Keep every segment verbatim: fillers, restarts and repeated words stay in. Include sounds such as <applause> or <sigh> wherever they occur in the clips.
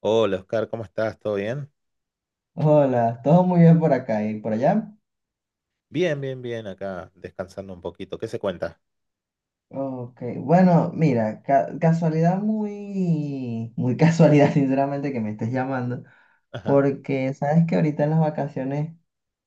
Hola Oscar, ¿cómo estás? ¿Todo bien? Hola, todo muy bien por acá y por allá. Bien, bien, bien, acá descansando un poquito. ¿Qué se cuenta? Ok, bueno, mira, ca- casualidad muy, muy casualidad, <laughs> sinceramente, que me estés llamando, Ajá, porque sabes que ahorita en las vacaciones,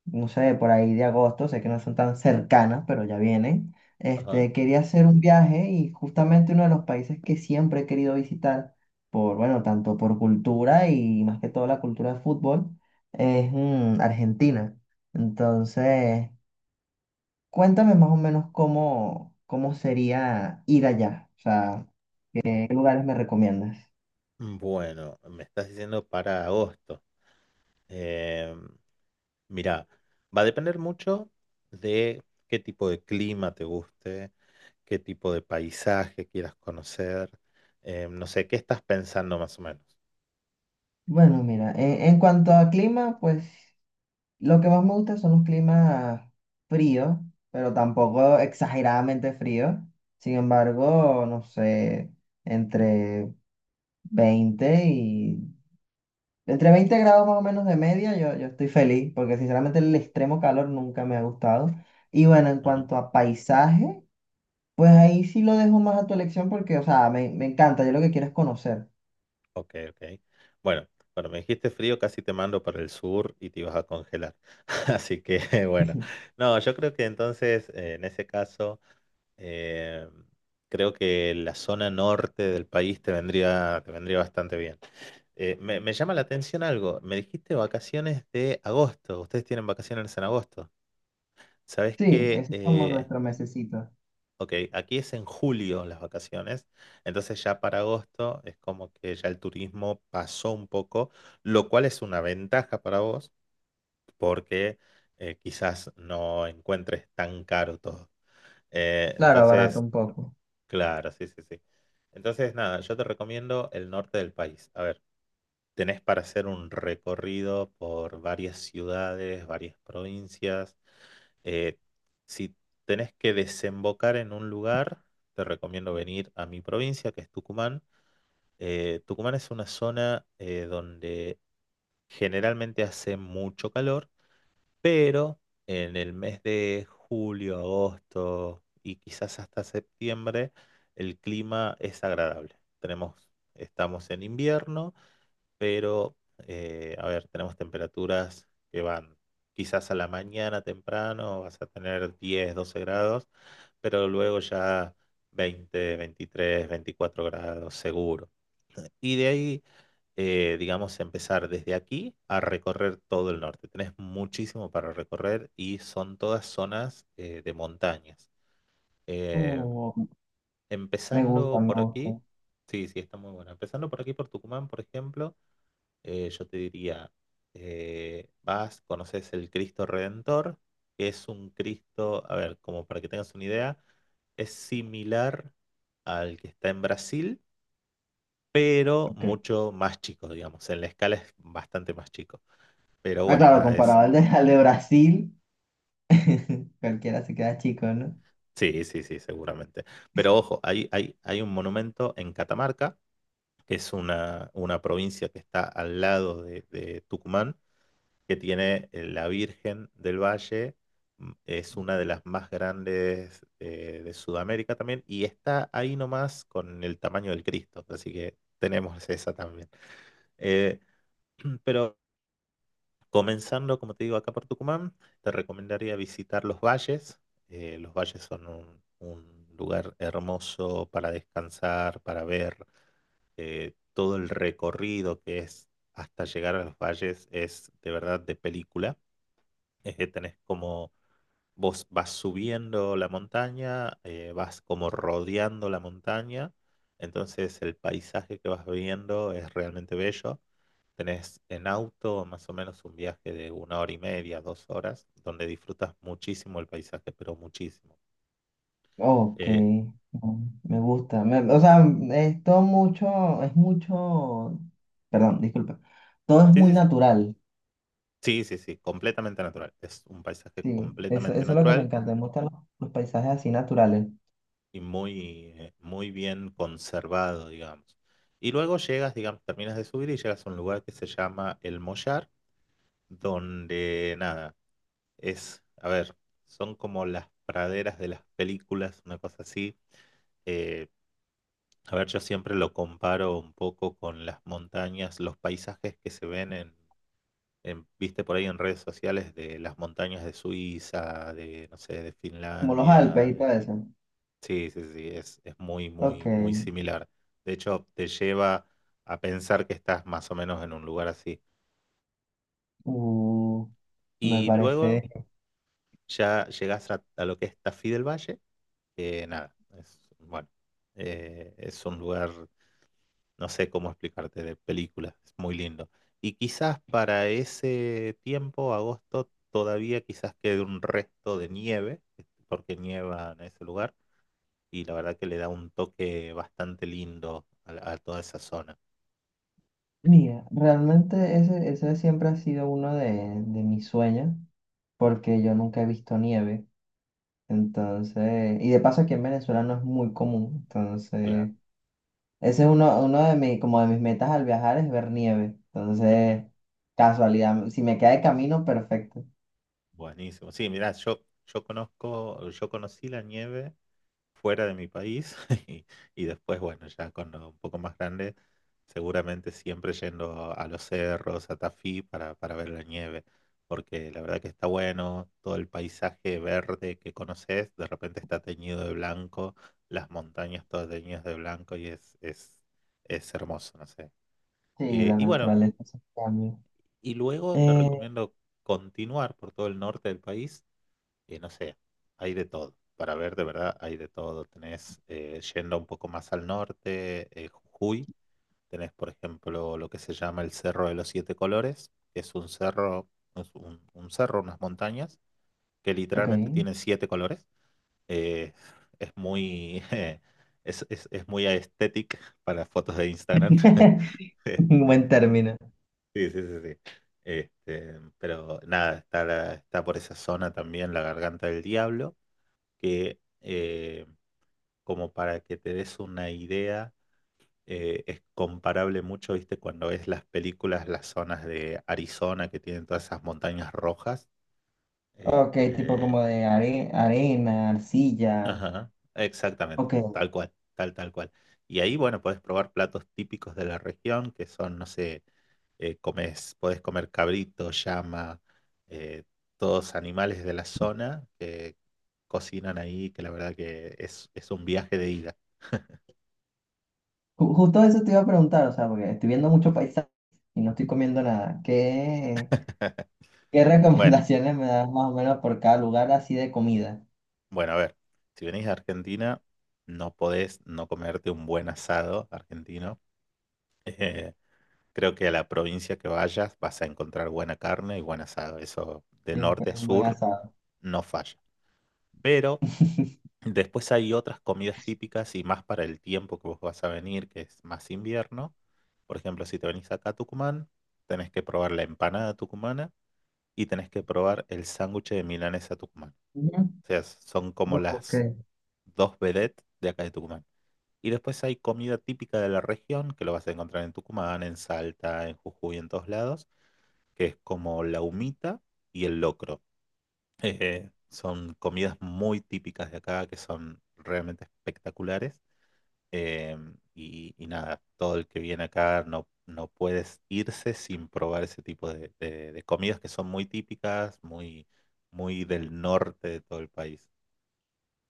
no sé, por ahí de agosto, sé que no son tan cercanas, pero ya vienen. ajá. Este, quería hacer un viaje y justamente uno de los países que siempre he querido visitar, por, bueno, tanto por cultura y más que todo la cultura de fútbol, es mm, Argentina. Entonces, cuéntame más o menos cómo, cómo sería ir allá, o sea, qué lugares me recomiendas. Mm, Bueno, me estás diciendo para agosto. Eh, mira, va a depender mucho de qué tipo de clima te guste, qué tipo de paisaje quieras conocer. Eh, no sé, ¿qué estás pensando más o menos? Bueno, mira, en, en cuanto a clima, pues lo que más me gusta son los climas fríos, pero tampoco exageradamente fríos. Sin embargo, no sé, entre veinte y... entre veinte grados más o menos de media, yo, yo estoy feliz, porque sinceramente el extremo calor nunca me ha gustado. Y bueno, en cuanto a paisaje. Pues ahí sí lo dejo más a tu elección porque, o sea, me, me encanta, yo lo que quiero es conocer. Ok, ok. Bueno, cuando me dijiste frío, casi te mando para el sur y te ibas a congelar. <laughs> Así que, bueno, <laughs> no, yo creo que entonces, eh, en ese caso, eh, creo que la zona norte del país te vendría, te vendría bastante bien. Eh, me, me llama la atención algo. Me dijiste vacaciones de agosto. Ustedes tienen vacaciones en agosto. ¿Sabes Sí, qué? ese es como Eh, nuestro mesecito. Ok, aquí es en julio las vacaciones, entonces ya para agosto es como que ya el turismo pasó un poco, lo cual es una ventaja para vos porque eh, quizás no encuentres tan caro todo. Eh, Claro, barato entonces, un poco. claro, sí, sí, sí. Entonces, nada, yo te recomiendo el norte del país. A ver, tenés para hacer un recorrido por varias ciudades, varias provincias. Eh, si tenés que desembocar en un lugar, te recomiendo venir a mi provincia, que es Tucumán. Eh, Tucumán es una zona eh, donde generalmente hace mucho calor, pero en el mes de julio, agosto y quizás hasta septiembre, el clima es agradable. Tenemos, estamos en invierno pero eh, a ver, tenemos temperaturas que van quizás a la mañana temprano, vas a tener diez doce grados, pero luego ya veinte veintitrés veinticuatro grados seguro. Y de ahí, eh, digamos, empezar desde aquí a recorrer todo el norte. Tenés muchísimo para recorrer y son todas zonas eh, de montañas. Eh, Oh, me gusta, empezando me por gusta. aquí, sí, sí, está muy bueno. Empezando por aquí, por Tucumán, por ejemplo eh, yo te diría, eh, vas, conoces el Cristo Redentor, que es un Cristo, a ver, como para que tengas una idea, es similar al que está en Brasil, pero Ok. mucho más chico, digamos, en la escala es bastante más chico. Pero Ah, bueno, claro, nada, es... comparado al de, <laughs> al de Brasil, cualquiera se queda chico, ¿no? Sí, sí, sí, seguramente. Pero ojo, hay, hay, hay un monumento en Catamarca, que es una, una provincia que está al lado de de Tucumán que tiene eh, la Virgen del Valle. mm, Es una de las más grandes eh, de Sudamérica también y está ahí nomás con el tamaño del Cristo. Así que tenemos <laughs> esa también. Eh, comenzando, como te digo, acá por Tucumán, te recomendaría visitar los valles. Eh, los valles son un, un lugar hermoso para descansar, para ver eh, todo el recorrido que es hasta llegar a los valles es de verdad de película. <laughs> Eh, tenés como Vos vas subiendo la montaña, eh, vas como rodeando la montaña, entonces el paisaje que vas viendo es realmente bello. Tenés en auto más o menos un viaje de una hora y media, dos horas, donde disfrutas muchísimo el paisaje, pero muchísimo. Ok, Eh, mm, me gusta. Me- o sea, es todo mucho, es mucho, perdón, disculpa. Todo es sí, muy sí, sí, natural, sí, sí, sí, completamente natural. Es un paisaje sí. Eso, eso completamente es lo que me natural encanta. Me gustan los, los paisajes así naturales, y muy, eh, muy bien conservado, digamos. Y luego llegas, digamos, terminas de subir y llegas a un lugar que se llama El Mollar donde nada, es, a ver, son como las praderas de las películas, una cosa así. Eh, a ver, yo siempre lo comparo un poco con las montañas, los paisajes que se ven en, en, viste por ahí en redes sociales de las montañas de Suiza, de, no sé, de como los Finlandia. Alpes y todo de- eso. Sí, sí, sí, es, es muy, Ok. muy, muy similar. De hecho, te lleva a pensar que estás más o menos en un lugar así. Uh, me Y parece. luego ya llegas a, a lo que es Tafí del Valle. Eh, nada, es, bueno, eh, es un lugar, no sé cómo explicarte, de película, es muy lindo. Y quizás para ese tiempo, agosto, todavía quizás quede un resto de nieve, este, porque nieva en ese lugar, y la verdad que le da un toque bastante lindo a, la- a toda esa zona. Mira, realmente ese, ese siempre ha sido uno de, de mis sueños, porque yo nunca he visto nieve, entonces, y de paso aquí en Venezuela no es muy común, Claro. entonces, ese es uno, uno de mis, como de mis metas al viajar es ver nieve, Ujú. entonces, casualidad, si me queda de camino, perfecto. Buenísimo. Sí, mirá, yo, yo conozco, yo conocí la nieve fuera de mi país <laughs> y, y después, bueno, ya cuando un poco más grande, seguramente siempre yendo a los cerros, a Tafí para, para ver la nieve, porque la verdad que está bueno, todo el paisaje verde que conoces, de repente está teñido de blanco, las montañas todas teñidas de blanco y es, es, es hermoso, no sé. Sí, Eh, la y bueno, naturaleza es un cambio. y luego te Eh, recomiendo continuar por todo el norte del país y no sé, hay de todo. Para ver, de verdad, hay de todo. Tenés, eh, yendo un poco más al norte, eh, Jujuy, tenés, por ejemplo, lo que se llama el Cerro de los Siete Colores, que es un cerro, es un, un cerro, unas montañas, que ok, literalmente tienen siete colores. Eh, es muy, <laughs> eh, es, es, es muy aesthetic para fotos de Instagram. <laughs> <laughs> un buen Este, término. sí, sí, sí, sí. Este, pero nada, está, la- está por esa zona también la Garganta del Diablo que eh, como para que te des una idea, eh, es comparable mucho, viste, cuando ves las películas, las zonas de Arizona que tienen todas esas montañas rojas. Ok, tipo Este, como de are- arena, arcilla, ajá, exactamente, ok. tal cual, tal, tal cual. Y ahí, bueno, podés probar platos típicos de la región, que son, no sé, eh, comes, podés comer cabrito, llama, eh, todos animales de la zona que cocinan ahí, que la verdad que es, es un viaje de ida. <laughs> Ju- Justo eso te iba a preguntar, o sea, porque estoy viendo mucho paisaje y no estoy comiendo nada. ¿Qué, qué <laughs> Bueno, recomendaciones me das más o menos por cada lugar así de comida? bueno, a ver, si venís a Argentina, no podés no comerte un buen asado argentino. <laughs> Eh, creo que a la provincia que vayas vas a encontrar buena carne y buen asado. Eso de Siempre norte a es un buen sur asado. no falla. Pero después hay otras comidas típicas y más para el tiempo que vos vas a venir, que es más invierno. Por ejemplo, si te venís acá a Tucumán, tenés que probar la empanada tucumana y tenés que probar el sándwich de milanesa tucumán. Ujú. O sea, son como Ok, las dos vedettes de acá de Tucumán. Y después hay comida típica de la región, que lo vas a encontrar en Tucumán, en Salta, en Jujuy, en todos lados, que es como la humita y el locro. Eh, son comidas muy típicas de acá, que son realmente espectaculares. Em, y, y nada, todo el que viene acá no, no puedes irse sin probar ese tipo de, de- de comidas que son muy típicas, muy, muy del norte de todo el país.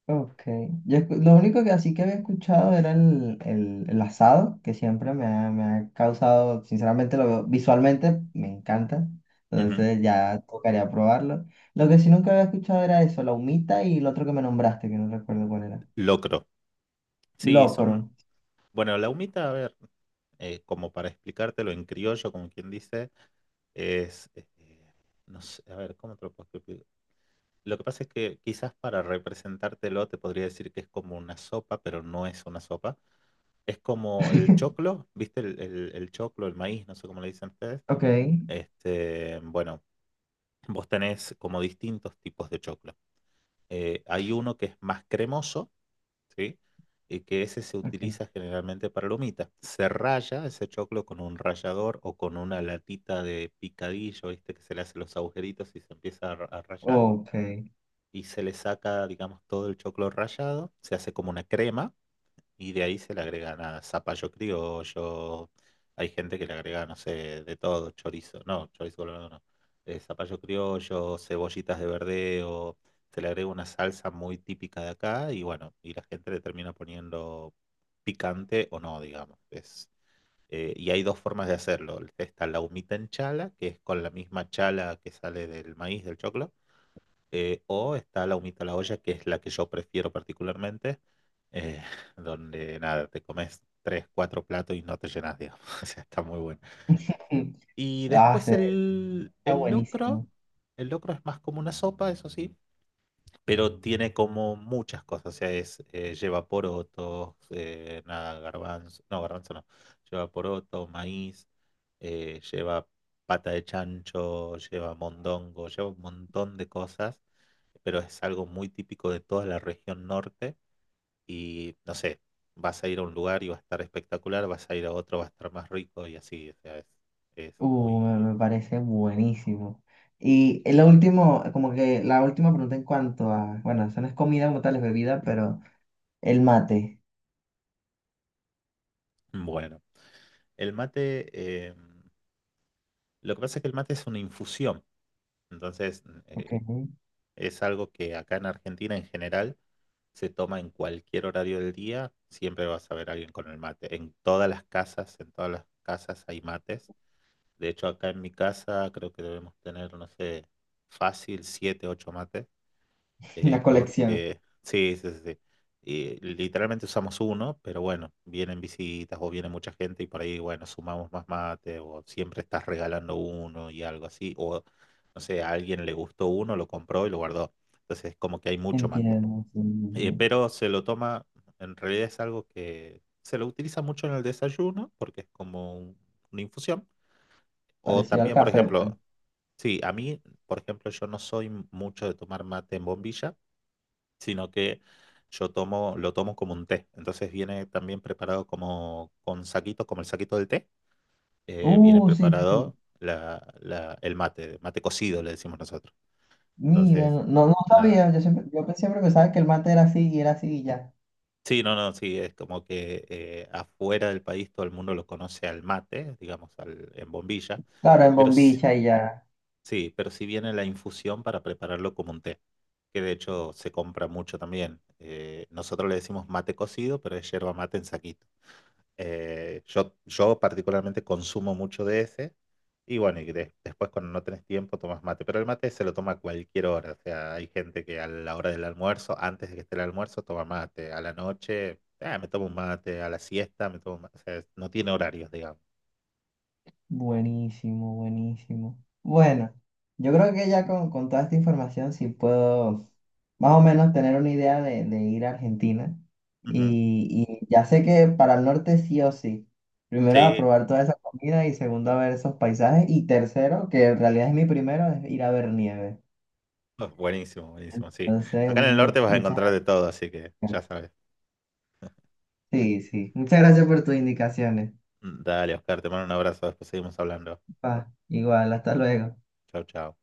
ok. Yo escu- lo único que así que había escuchado era el, el, el asado, que siempre me ha, me ha causado, sinceramente, lo veo- visualmente me encanta. Ujú. Entonces ya tocaría probarlo. Lo que sí nunca había escuchado era eso, la humita y el otro que me nombraste, que no recuerdo cuál era. Locro. Sí, son... Locro. Bueno, la humita, a ver, eh, como para explicártelo en criollo, como quien dice, es, eh, no sé, a ver, ¿cómo te lo puedo explicar? Lo que pasa es que quizás para representártelo te podría decir que es como una sopa, pero no es una sopa. Es como el <laughs> choclo, ¿viste? El, el, el choclo, el maíz, no sé cómo le dicen ustedes. Ok. Este, bueno, vos tenés como distintos tipos de choclo. Eh, hay uno que es más cremoso, ¿sí? Y que ese se Okay, utiliza generalmente para la humita. Se raya ese choclo con un rallador o con una latita de picadillo, ¿viste? Que se le hacen los agujeritos y se empieza a, ra- a rallar. ok. Y se le saca, digamos, todo el choclo rallado. Se hace como una crema y de ahí se le agregan a zapallo criollo. Hay gente que le agrega, no sé, de todo, chorizo. No, chorizo colorado no. eh, zapallo criollo, cebollitas de verdeo. Se le agrega una salsa muy típica de acá y bueno, y la gente le termina poniendo picante o no, digamos. Es, eh, y hay dos formas de hacerlo. Está la humita en chala, que es con la misma chala que sale del maíz, del choclo eh, o está la humita a la olla, que es la que yo prefiero particularmente, eh, <laughs> donde nada, te comes tres, cuatro platos y no te llenas, digamos. <laughs> O sea, está muy bueno. <laughs> Y Ah, después se el, está el locro, buenísimo. el locro es más como una sopa, eso sí, pero tiene como muchas cosas, o sea, es, eh, lleva porotos, eh, nada, garbanzo, no, garbanzo no, lleva poroto, maíz, eh, lleva pata de chancho, lleva mondongo, lleva un montón de cosas, pero es algo muy típico de toda la región norte y no sé, vas a ir a un lugar y va a estar espectacular, vas a ir a otro, va a estar más rico y así, o sea, es, es Uh, muy me, me parece buenísimo. Y el último, como que la última pregunta en cuanto a, bueno, eso no es comida como tal, es bebida, pero el mate. bueno. El mate, eh, lo que pasa es que el mate es una infusión. Entonces, mm, Ok. eh, <laughs> es algo que acá en Argentina en general se toma en cualquier horario del día, siempre vas a ver a alguien con el mate. En todas las casas, en todas las casas hay mates. De hecho, acá en mi casa creo que debemos tener, no sé, fácil siete, ocho mates eh, Una colección. porque sí, sí, sí, sí. Y literalmente usamos uno, pero bueno, vienen visitas o viene mucha gente y por ahí, bueno, sumamos más mate o siempre estás regalando uno y algo así, o no sé, a alguien le gustó uno, lo compró y lo guardó. Entonces, como que hay mucho mate. Entiendo, sí, sí, Eh, sí. pero se lo toma, en realidad es algo que se lo utiliza mucho en el desayuno porque es como un- una infusión. O Parecido al también, por café, pues. ejemplo, sí, a mí, por ejemplo, yo no soy mucho de tomar mate en bombilla sino que yo tomo, lo tomo como un té. Entonces viene también preparado como con saquitos, como el saquito del té, eh, viene Uh, sí, sí, sí. preparado la, la- el mate, mate cocido le decimos nosotros. Mira, Entonces, no, no no nada. sabía. Yo siempre, yo siempre pensaba que el mate era así y era así y ya. Sí, no, no, sí, es como que eh, afuera del país todo el mundo lo conoce al mate, digamos, al, en bombilla, Claro, en pero sí, bombilla y ya. sí, pero sí viene la infusión para prepararlo como un té, que de hecho se compra mucho también. Eh, nosotros le decimos mate cocido, pero es yerba mate en saquito. Eh, yo, yo particularmente consumo mucho de ese. Y bueno, y de- después cuando no tenés tiempo tomas mate. Pero el mate se lo toma a cualquier hora. O sea, hay gente que a la hora del almuerzo, antes de que esté el almuerzo, toma mate. A la noche, ah, me tomo un mate. A la siesta, me tomo un mate. O sea, no tiene horarios, digamos. Buenísimo, buenísimo. Bueno, yo creo que ya con, con toda esta información sí puedo más o menos tener una idea de, de ir a Argentina. Ujú. Y, y ya sé que para el norte sí o sí. Primero a Sí, probar toda esa comida y segundo a ver esos paisajes. Y tercero, que en realidad es mi primero, es ir a ver nieve. oh, buenísimo, buenísimo. Sí. Entonces, Acá en el norte mu- vas a muchas encontrar de todo, así que ya gracias. sabes. Sí, sí. Muchas gracias por tus indicaciones. Mm, Dale, Oscar, te mando un abrazo. Después seguimos hablando. Pa, igual, hasta luego. Chau, chau.